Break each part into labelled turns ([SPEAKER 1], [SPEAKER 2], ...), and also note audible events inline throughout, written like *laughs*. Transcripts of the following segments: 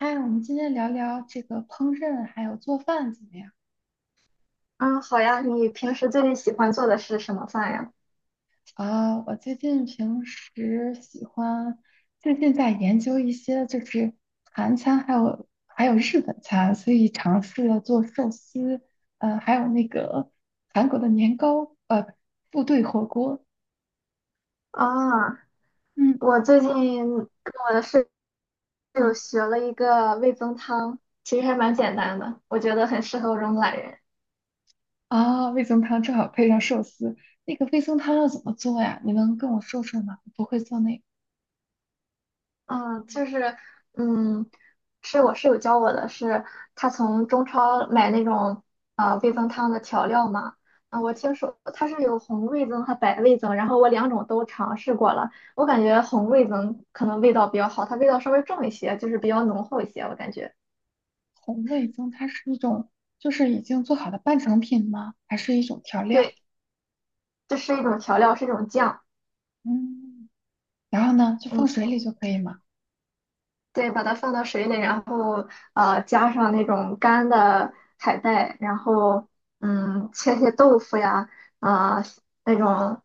[SPEAKER 1] 嗨，我们今天聊聊这个烹饪还有做饭怎么样？
[SPEAKER 2] 嗯，好呀，你平时最近喜欢做的是什么饭呀？
[SPEAKER 1] 啊，我最近平时喜欢，最近在研究一些就是韩餐，还有日本餐，所以尝试了做寿司，还有那个韩国的年糕，部队火锅。
[SPEAKER 2] 啊，
[SPEAKER 1] 嗯
[SPEAKER 2] 我最近跟我的室友
[SPEAKER 1] 嗯。
[SPEAKER 2] 学了一个味增汤，其实还蛮简单的，我觉得很适合我这种懒人。
[SPEAKER 1] 啊，味增汤正好配上寿司。那个味增汤要怎么做呀？你能跟我说说吗？我不会做那个。
[SPEAKER 2] 嗯，就是，嗯，是我室友教我的是，他从中超买那种味增汤的调料嘛。啊，我听说它是有红味增和白味增，然后我两种都尝试过了，我感觉红味增可能味道比较好，它味道稍微重一些，就是比较浓厚一些，我感觉。
[SPEAKER 1] 红味增它是一种，就是已经做好的半成品吗？还是一种调料？
[SPEAKER 2] 对，这是一种调料，是一种酱。
[SPEAKER 1] 嗯，然后呢，就放
[SPEAKER 2] 嗯，
[SPEAKER 1] 水里就可以吗？
[SPEAKER 2] 对，把它放到水里，然后加上那种干的海带，然后切些豆腐呀，啊、那种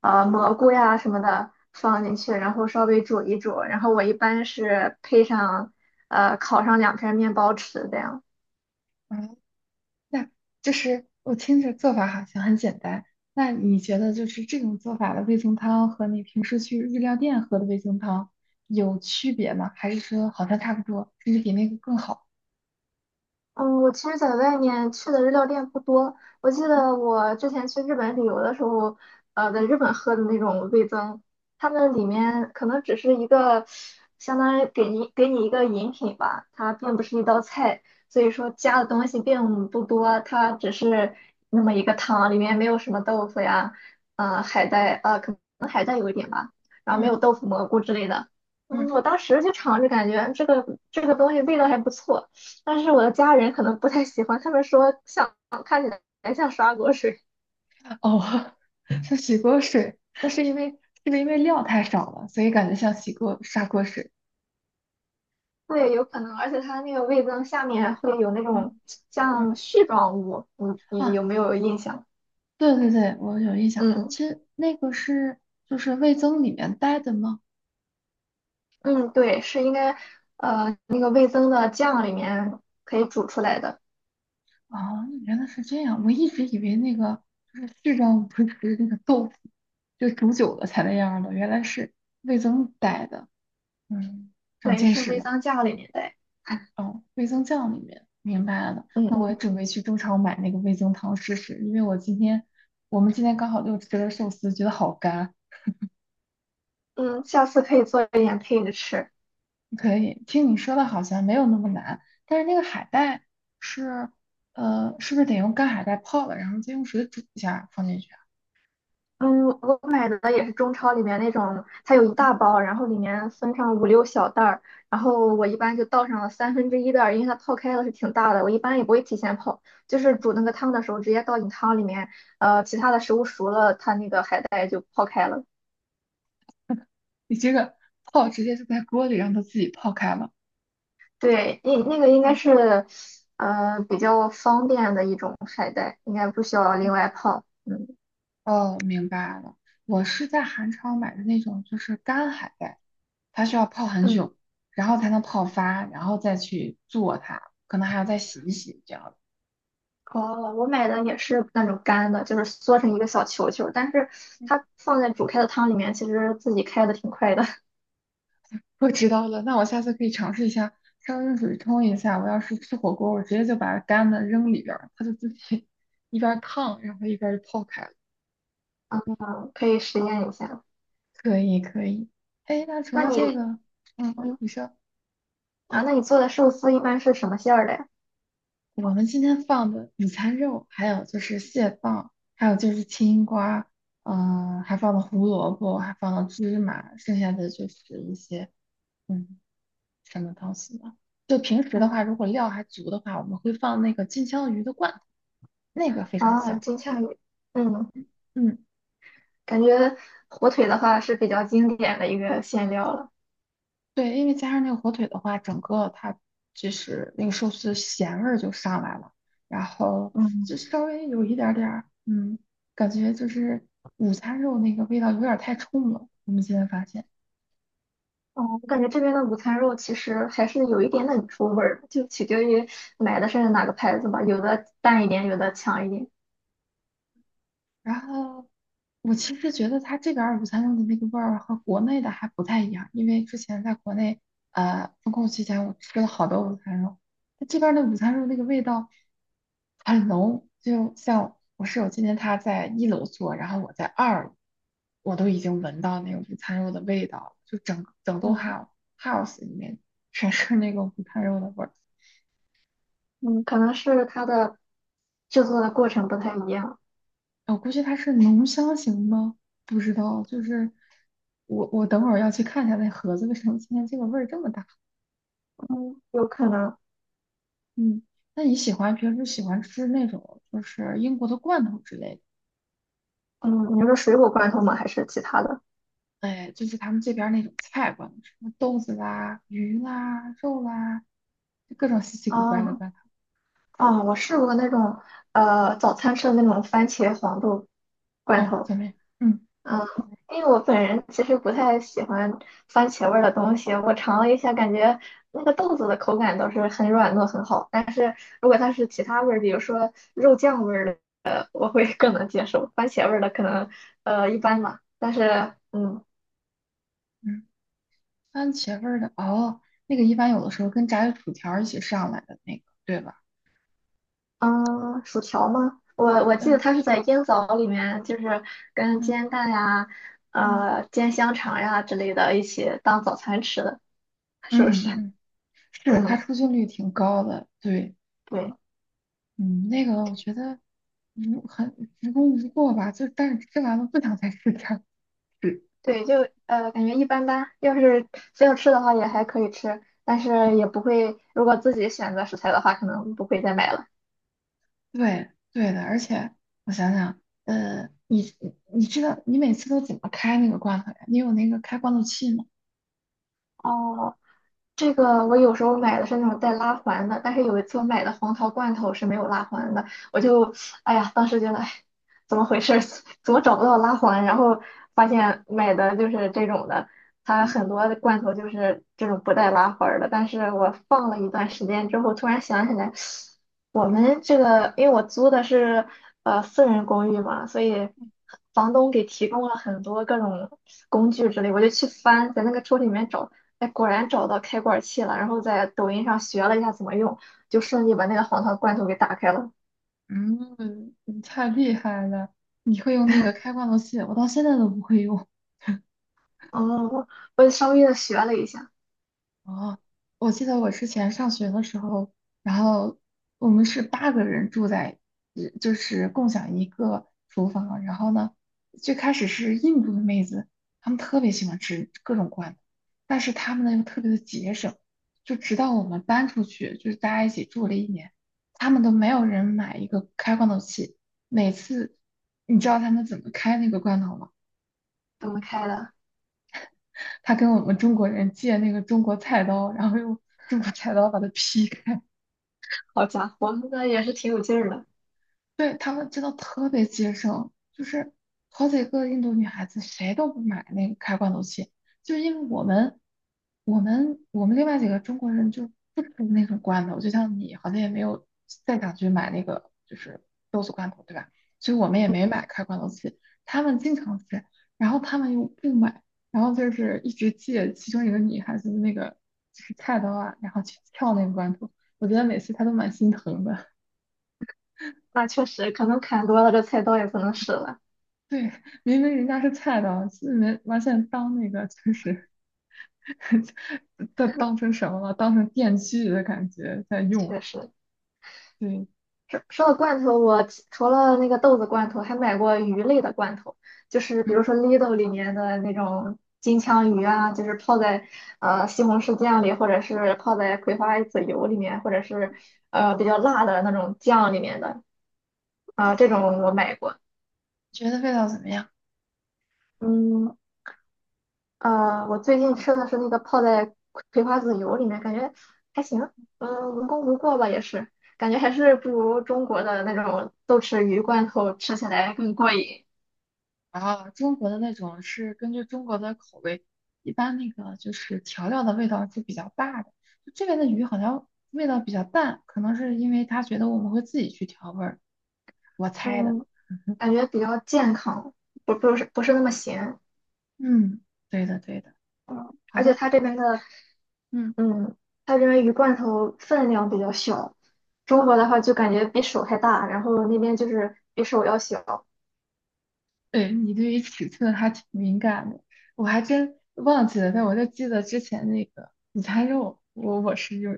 [SPEAKER 2] 蘑菇呀什么的放
[SPEAKER 1] 嗯。
[SPEAKER 2] 进去，然后稍微煮一煮。然后我一般是配上烤上两片面包吃这样。
[SPEAKER 1] 嗯。那就是我听着做法好像很简单。那你觉得就是这种做法的味增汤和你平时去日料店喝的味增汤有区别吗？还是说好像差不多，甚至比那个更好？
[SPEAKER 2] 嗯，我其实在外面去的日料店不多。我记得我之前去日本旅游的时候，在日本喝的那种味增，他们里面可能只是一个，相当于给你一个饮品吧，它并不是一道菜，所以说加的东西并不多，它只是那么一个汤，里面没有什么豆腐呀，海带，可能海带有一点吧，然后没
[SPEAKER 1] 嗯
[SPEAKER 2] 有豆腐、蘑菇之类的。嗯，
[SPEAKER 1] 嗯。
[SPEAKER 2] 我当时就尝着感觉这个东西味道还不错。但是我的家人可能不太喜欢，他们说像看起来像刷锅水，
[SPEAKER 1] 哦。*laughs* 像洗锅水，那是因为是不是因为料太少了，所以感觉像洗锅砂锅水？
[SPEAKER 2] 对，有可能，而且它那个味增下面会有那种
[SPEAKER 1] 嗯嗯。
[SPEAKER 2] 像絮状物，你
[SPEAKER 1] 啊。
[SPEAKER 2] 有没有印象？
[SPEAKER 1] 对对对，我有印象。
[SPEAKER 2] 嗯
[SPEAKER 1] 其实那个是就是味增里面带的吗？
[SPEAKER 2] 嗯，对，是应该那个味增的酱里面可以煮出来的，
[SPEAKER 1] 啊，原来是这样。我一直以为那个就是序章不是那个豆腐，就煮久了才那样的，原来是味增带的。嗯，长
[SPEAKER 2] 对，
[SPEAKER 1] 见
[SPEAKER 2] 是
[SPEAKER 1] 识
[SPEAKER 2] 味
[SPEAKER 1] 了。
[SPEAKER 2] 增酱里面的，
[SPEAKER 1] 哦，味增酱里面明白了。
[SPEAKER 2] 嗯
[SPEAKER 1] 那我也
[SPEAKER 2] 嗯
[SPEAKER 1] 准备去中超买那个味增汤试试，因为我们今天刚好就吃了寿司，觉得好干。
[SPEAKER 2] 嗯，下次可以做一点配着吃。
[SPEAKER 1] 可以，听你说的好像没有那么难，但是那个海带是，是不是得用干海带泡了，然后再用水煮一下放进去啊？
[SPEAKER 2] 嗯，我买的也是中超里面那种，它有一大包，然后里面分上五六小袋儿，然后我一般就倒上了三分之一袋儿，因为它泡开了是挺大的，我一般也不会提前泡，就是煮那个汤的时候直接倒进汤里面，其他的食物熟了，它那个海带就泡开了。
[SPEAKER 1] 你这个 *laughs* 泡直接就在锅里让它自己泡开了。
[SPEAKER 2] 对，那个应该
[SPEAKER 1] 嗯。
[SPEAKER 2] 是，比较方便的一种海带，应该不需要另外泡。嗯
[SPEAKER 1] 哦，明白了。我是在韩超买的那种，就是干海带，它需要泡很久，然后才能泡发，然后再去做它，可能还要再洗一洗这样。
[SPEAKER 2] 哦，我买的也是那种干的，就是缩成一个小球球，但是它放在煮开的汤里面，其实自己开的挺快的，
[SPEAKER 1] 我知道了，那我下次可以尝试一下，烧热水冲一下。我要是吃火锅，我直接就把干的扔里边儿，它就自己 *laughs* 一边儿烫，然后一边儿就泡开了。
[SPEAKER 2] *laughs* 嗯，可以实验一下。
[SPEAKER 1] 可以，可以。哎，那除
[SPEAKER 2] 那
[SPEAKER 1] 了这
[SPEAKER 2] 你，
[SPEAKER 1] 个，嗯，
[SPEAKER 2] 嗯
[SPEAKER 1] 你说。
[SPEAKER 2] 那你做的寿司一般是什么馅儿的呀？
[SPEAKER 1] 我们今天放的午餐肉，还有就是蟹棒，还有就是青瓜，还放了胡萝卜，还放了芝麻，剩下的就是一些嗯什么东西呢？就平时的话，
[SPEAKER 2] 嗯，
[SPEAKER 1] 如果料还足的话，我们会放那个金枪鱼的罐头，那个非常
[SPEAKER 2] 啊，
[SPEAKER 1] 香。
[SPEAKER 2] 金枪鱼，嗯，
[SPEAKER 1] 嗯，
[SPEAKER 2] 感觉火腿的话是比较经典的一个馅料了。
[SPEAKER 1] 对，因为加上那个火腿的话，整个它就是那个寿司咸味儿就上来了，然后就
[SPEAKER 2] 嗯，
[SPEAKER 1] 稍微有一点儿，感觉就是午餐肉那个味道有点儿太冲了，我们现在发现。
[SPEAKER 2] 哦，我感觉这边的午餐肉其实还是有一点点出味儿的就取决于买的是哪个牌子吧，有的淡一点，有的强一点。
[SPEAKER 1] 然后我其实觉得它这边儿午餐肉的那个味儿和国内的还不太一样，因为之前在国内封控期间，我吃了好多午餐肉，它这边儿的午餐肉那个味道很浓，就像我室友今天他在一楼做，然后我在二楼，我都已经闻到那个午餐肉的味道了，就整整栋
[SPEAKER 2] 嗯
[SPEAKER 1] house 里面全是那个午餐肉的味儿。
[SPEAKER 2] 嗯，可能是它的制作的过程不太一样，
[SPEAKER 1] 我估计它是浓香型吗？不知道，就是我等会儿要去看一下那盒子为什么今天这个味儿这么大。
[SPEAKER 2] 嗯，有可能，
[SPEAKER 1] 嗯，那你平时喜欢吃那种就是英国的罐头之类的？
[SPEAKER 2] 嗯，你说水果罐头吗？还是其他的？
[SPEAKER 1] 哎，就是他们这边儿那种菜罐头，什么豆子啦、鱼啦、肉啦，就各种稀奇古怪的
[SPEAKER 2] 哦
[SPEAKER 1] 罐
[SPEAKER 2] 哦，我试过那种早餐吃的那种番茄黄豆
[SPEAKER 1] 头。
[SPEAKER 2] 罐
[SPEAKER 1] 哦，
[SPEAKER 2] 头，
[SPEAKER 1] 前面。嗯
[SPEAKER 2] 嗯，因为我本人其实不太喜欢番茄味儿的东西，我尝了一下，感觉那个豆子的口感倒是很软糯很好，但是如果它是其他味儿，比如说肉酱味儿的，我会更能接受，番茄味儿的可能一般吧，但是。
[SPEAKER 1] 嗯。番茄味儿的哦，那个一般有的时候跟炸的薯条儿一起上来的那个，对吧？
[SPEAKER 2] 嗯，薯条吗？我记得
[SPEAKER 1] 嗯
[SPEAKER 2] 它是在烟枣里面，就是跟
[SPEAKER 1] 嗯。
[SPEAKER 2] 煎蛋呀、
[SPEAKER 1] 嗯
[SPEAKER 2] 煎香肠呀之类的一起当早餐吃的，是不是？
[SPEAKER 1] 嗯嗯。是，它
[SPEAKER 2] 嗯，
[SPEAKER 1] 出镜率挺高的，对，
[SPEAKER 2] 对
[SPEAKER 1] 嗯，那个我觉得无很无功无过吧，就但是吃完了不想再吃第二次。
[SPEAKER 2] 对，就感觉一般般。要是非要吃的话也还可以吃，但是也不会，如果自己选择食材的话，可能不会再买了。
[SPEAKER 1] 对对的，而且我想想，呃，你你知道你每次都怎么开那个罐头呀？你有那个开罐头器吗？
[SPEAKER 2] 哦，这个我有时候买的是那种带拉环的，但是有一次我买的黄桃罐头是没有拉环的，我就，哎呀，当时觉得，哎，怎么回事儿？*laughs* 怎么找不到拉环？然后发现买的就是这种的，它
[SPEAKER 1] 嗯
[SPEAKER 2] 很多的罐头就是这种不带拉环儿的。但是我放了一段时间之后，突然想起来，我们这个，因为我租的是私人公寓嘛，所以房东给提供了很多各种工具之类，我就去翻，在那个抽屉里面找。哎，果然找到开罐器了，然后在抖音上学了一下怎么用，就顺利把那个黄桃罐头给打开了。
[SPEAKER 1] 嗯。你太厉害了，你会用那个开罐头器，我到现在都不会用。
[SPEAKER 2] 哦，我稍微的学了一下
[SPEAKER 1] 哦，我记得我之前上学的时候，然后我们是八个人住在，就是共享一个厨房。然后呢，最开始是印度的妹子，她们特别喜欢吃各种罐头，但是她们呢又特别的节省，就直到我们搬出去，就是大家一起住了一年，他们都没有人买一个开罐头器。每次，你知道他们怎么开那个罐头吗？
[SPEAKER 2] 怎么开的。
[SPEAKER 1] 他跟我们中国人借那个中国菜刀，然后用中国菜刀把它劈开。
[SPEAKER 2] 好家伙，那也是挺有劲儿的。
[SPEAKER 1] 对，他们真的特别节省，就是好几个印度女孩子谁都不买那个开罐头器，就是因为我们另外几个中国人就不吃那种罐头，就像你好像也没有再想去买那个就是豆子罐头，对吧？所以我们也没买开罐头器，他们经常吃，然后他们又不买，然后就是一直借其中一个女孩子的那个就是菜刀啊，然后去撬那个罐头，我觉得每次她都蛮心疼的。
[SPEAKER 2] 那确实，可能砍多了，这菜刀也不能使了。
[SPEAKER 1] 对，明明人家是菜刀，人完全当那个就是 *laughs* 当成什么了？当成电锯的感觉在用。
[SPEAKER 2] 确实，
[SPEAKER 1] 对。
[SPEAKER 2] 说到罐头，我除了那个豆子罐头，还买过鱼类的罐头，就是比
[SPEAKER 1] 嗯，
[SPEAKER 2] 如说 Lidl 里面的那种金枪鱼啊，就是泡在西红柿酱里，或者是泡在葵花籽油里面，或者是比较辣的那种酱里面的啊、
[SPEAKER 1] 对
[SPEAKER 2] 这
[SPEAKER 1] 对对，
[SPEAKER 2] 种我买过。
[SPEAKER 1] 觉得味道怎么样？
[SPEAKER 2] 嗯我最近吃的是那个泡在葵花籽油里面，感觉还行，嗯、无功无过吧，也是，感觉还是不如中国的那种豆豉鱼罐头吃起来更过瘾。
[SPEAKER 1] 啊，中国的那种是根据中国的口味，一般那个就是调料的味道是比较大的。就这边的鱼好像味道比较淡，可能是因为他觉得我们会自己去调味儿，我猜的。
[SPEAKER 2] 嗯，感觉比较健康，不是那么咸，
[SPEAKER 1] 嗯，对的对的，好
[SPEAKER 2] 而且
[SPEAKER 1] 的，
[SPEAKER 2] 它这边的，
[SPEAKER 1] 嗯。
[SPEAKER 2] 嗯，它这边鱼罐头分量比较小，中国的话就感觉比手还大，然后那边就是比手要小。
[SPEAKER 1] 对，你对于尺寸还挺敏感的，我还真忘记了，但我就记得之前那个午餐肉，我是有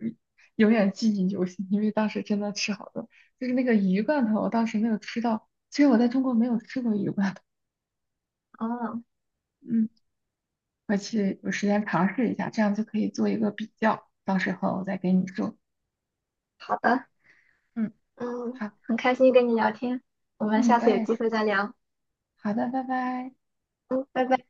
[SPEAKER 1] 永远记忆犹新，因为当时真的吃好多，就是那个鱼罐头，我当时没有吃到，其实我在中国没有吃过鱼罐头。
[SPEAKER 2] 嗯，
[SPEAKER 1] 嗯，回去有时间尝试一下，这样就可以做一个比较，到时候我再给你说。
[SPEAKER 2] 好的，
[SPEAKER 1] 嗯，
[SPEAKER 2] 嗯，
[SPEAKER 1] 好。
[SPEAKER 2] 很开心跟你聊天，我们
[SPEAKER 1] 嗯，
[SPEAKER 2] 下
[SPEAKER 1] 我
[SPEAKER 2] 次有
[SPEAKER 1] 也
[SPEAKER 2] 机会
[SPEAKER 1] 是。
[SPEAKER 2] 再聊。
[SPEAKER 1] 好的，拜拜。
[SPEAKER 2] 嗯，拜拜。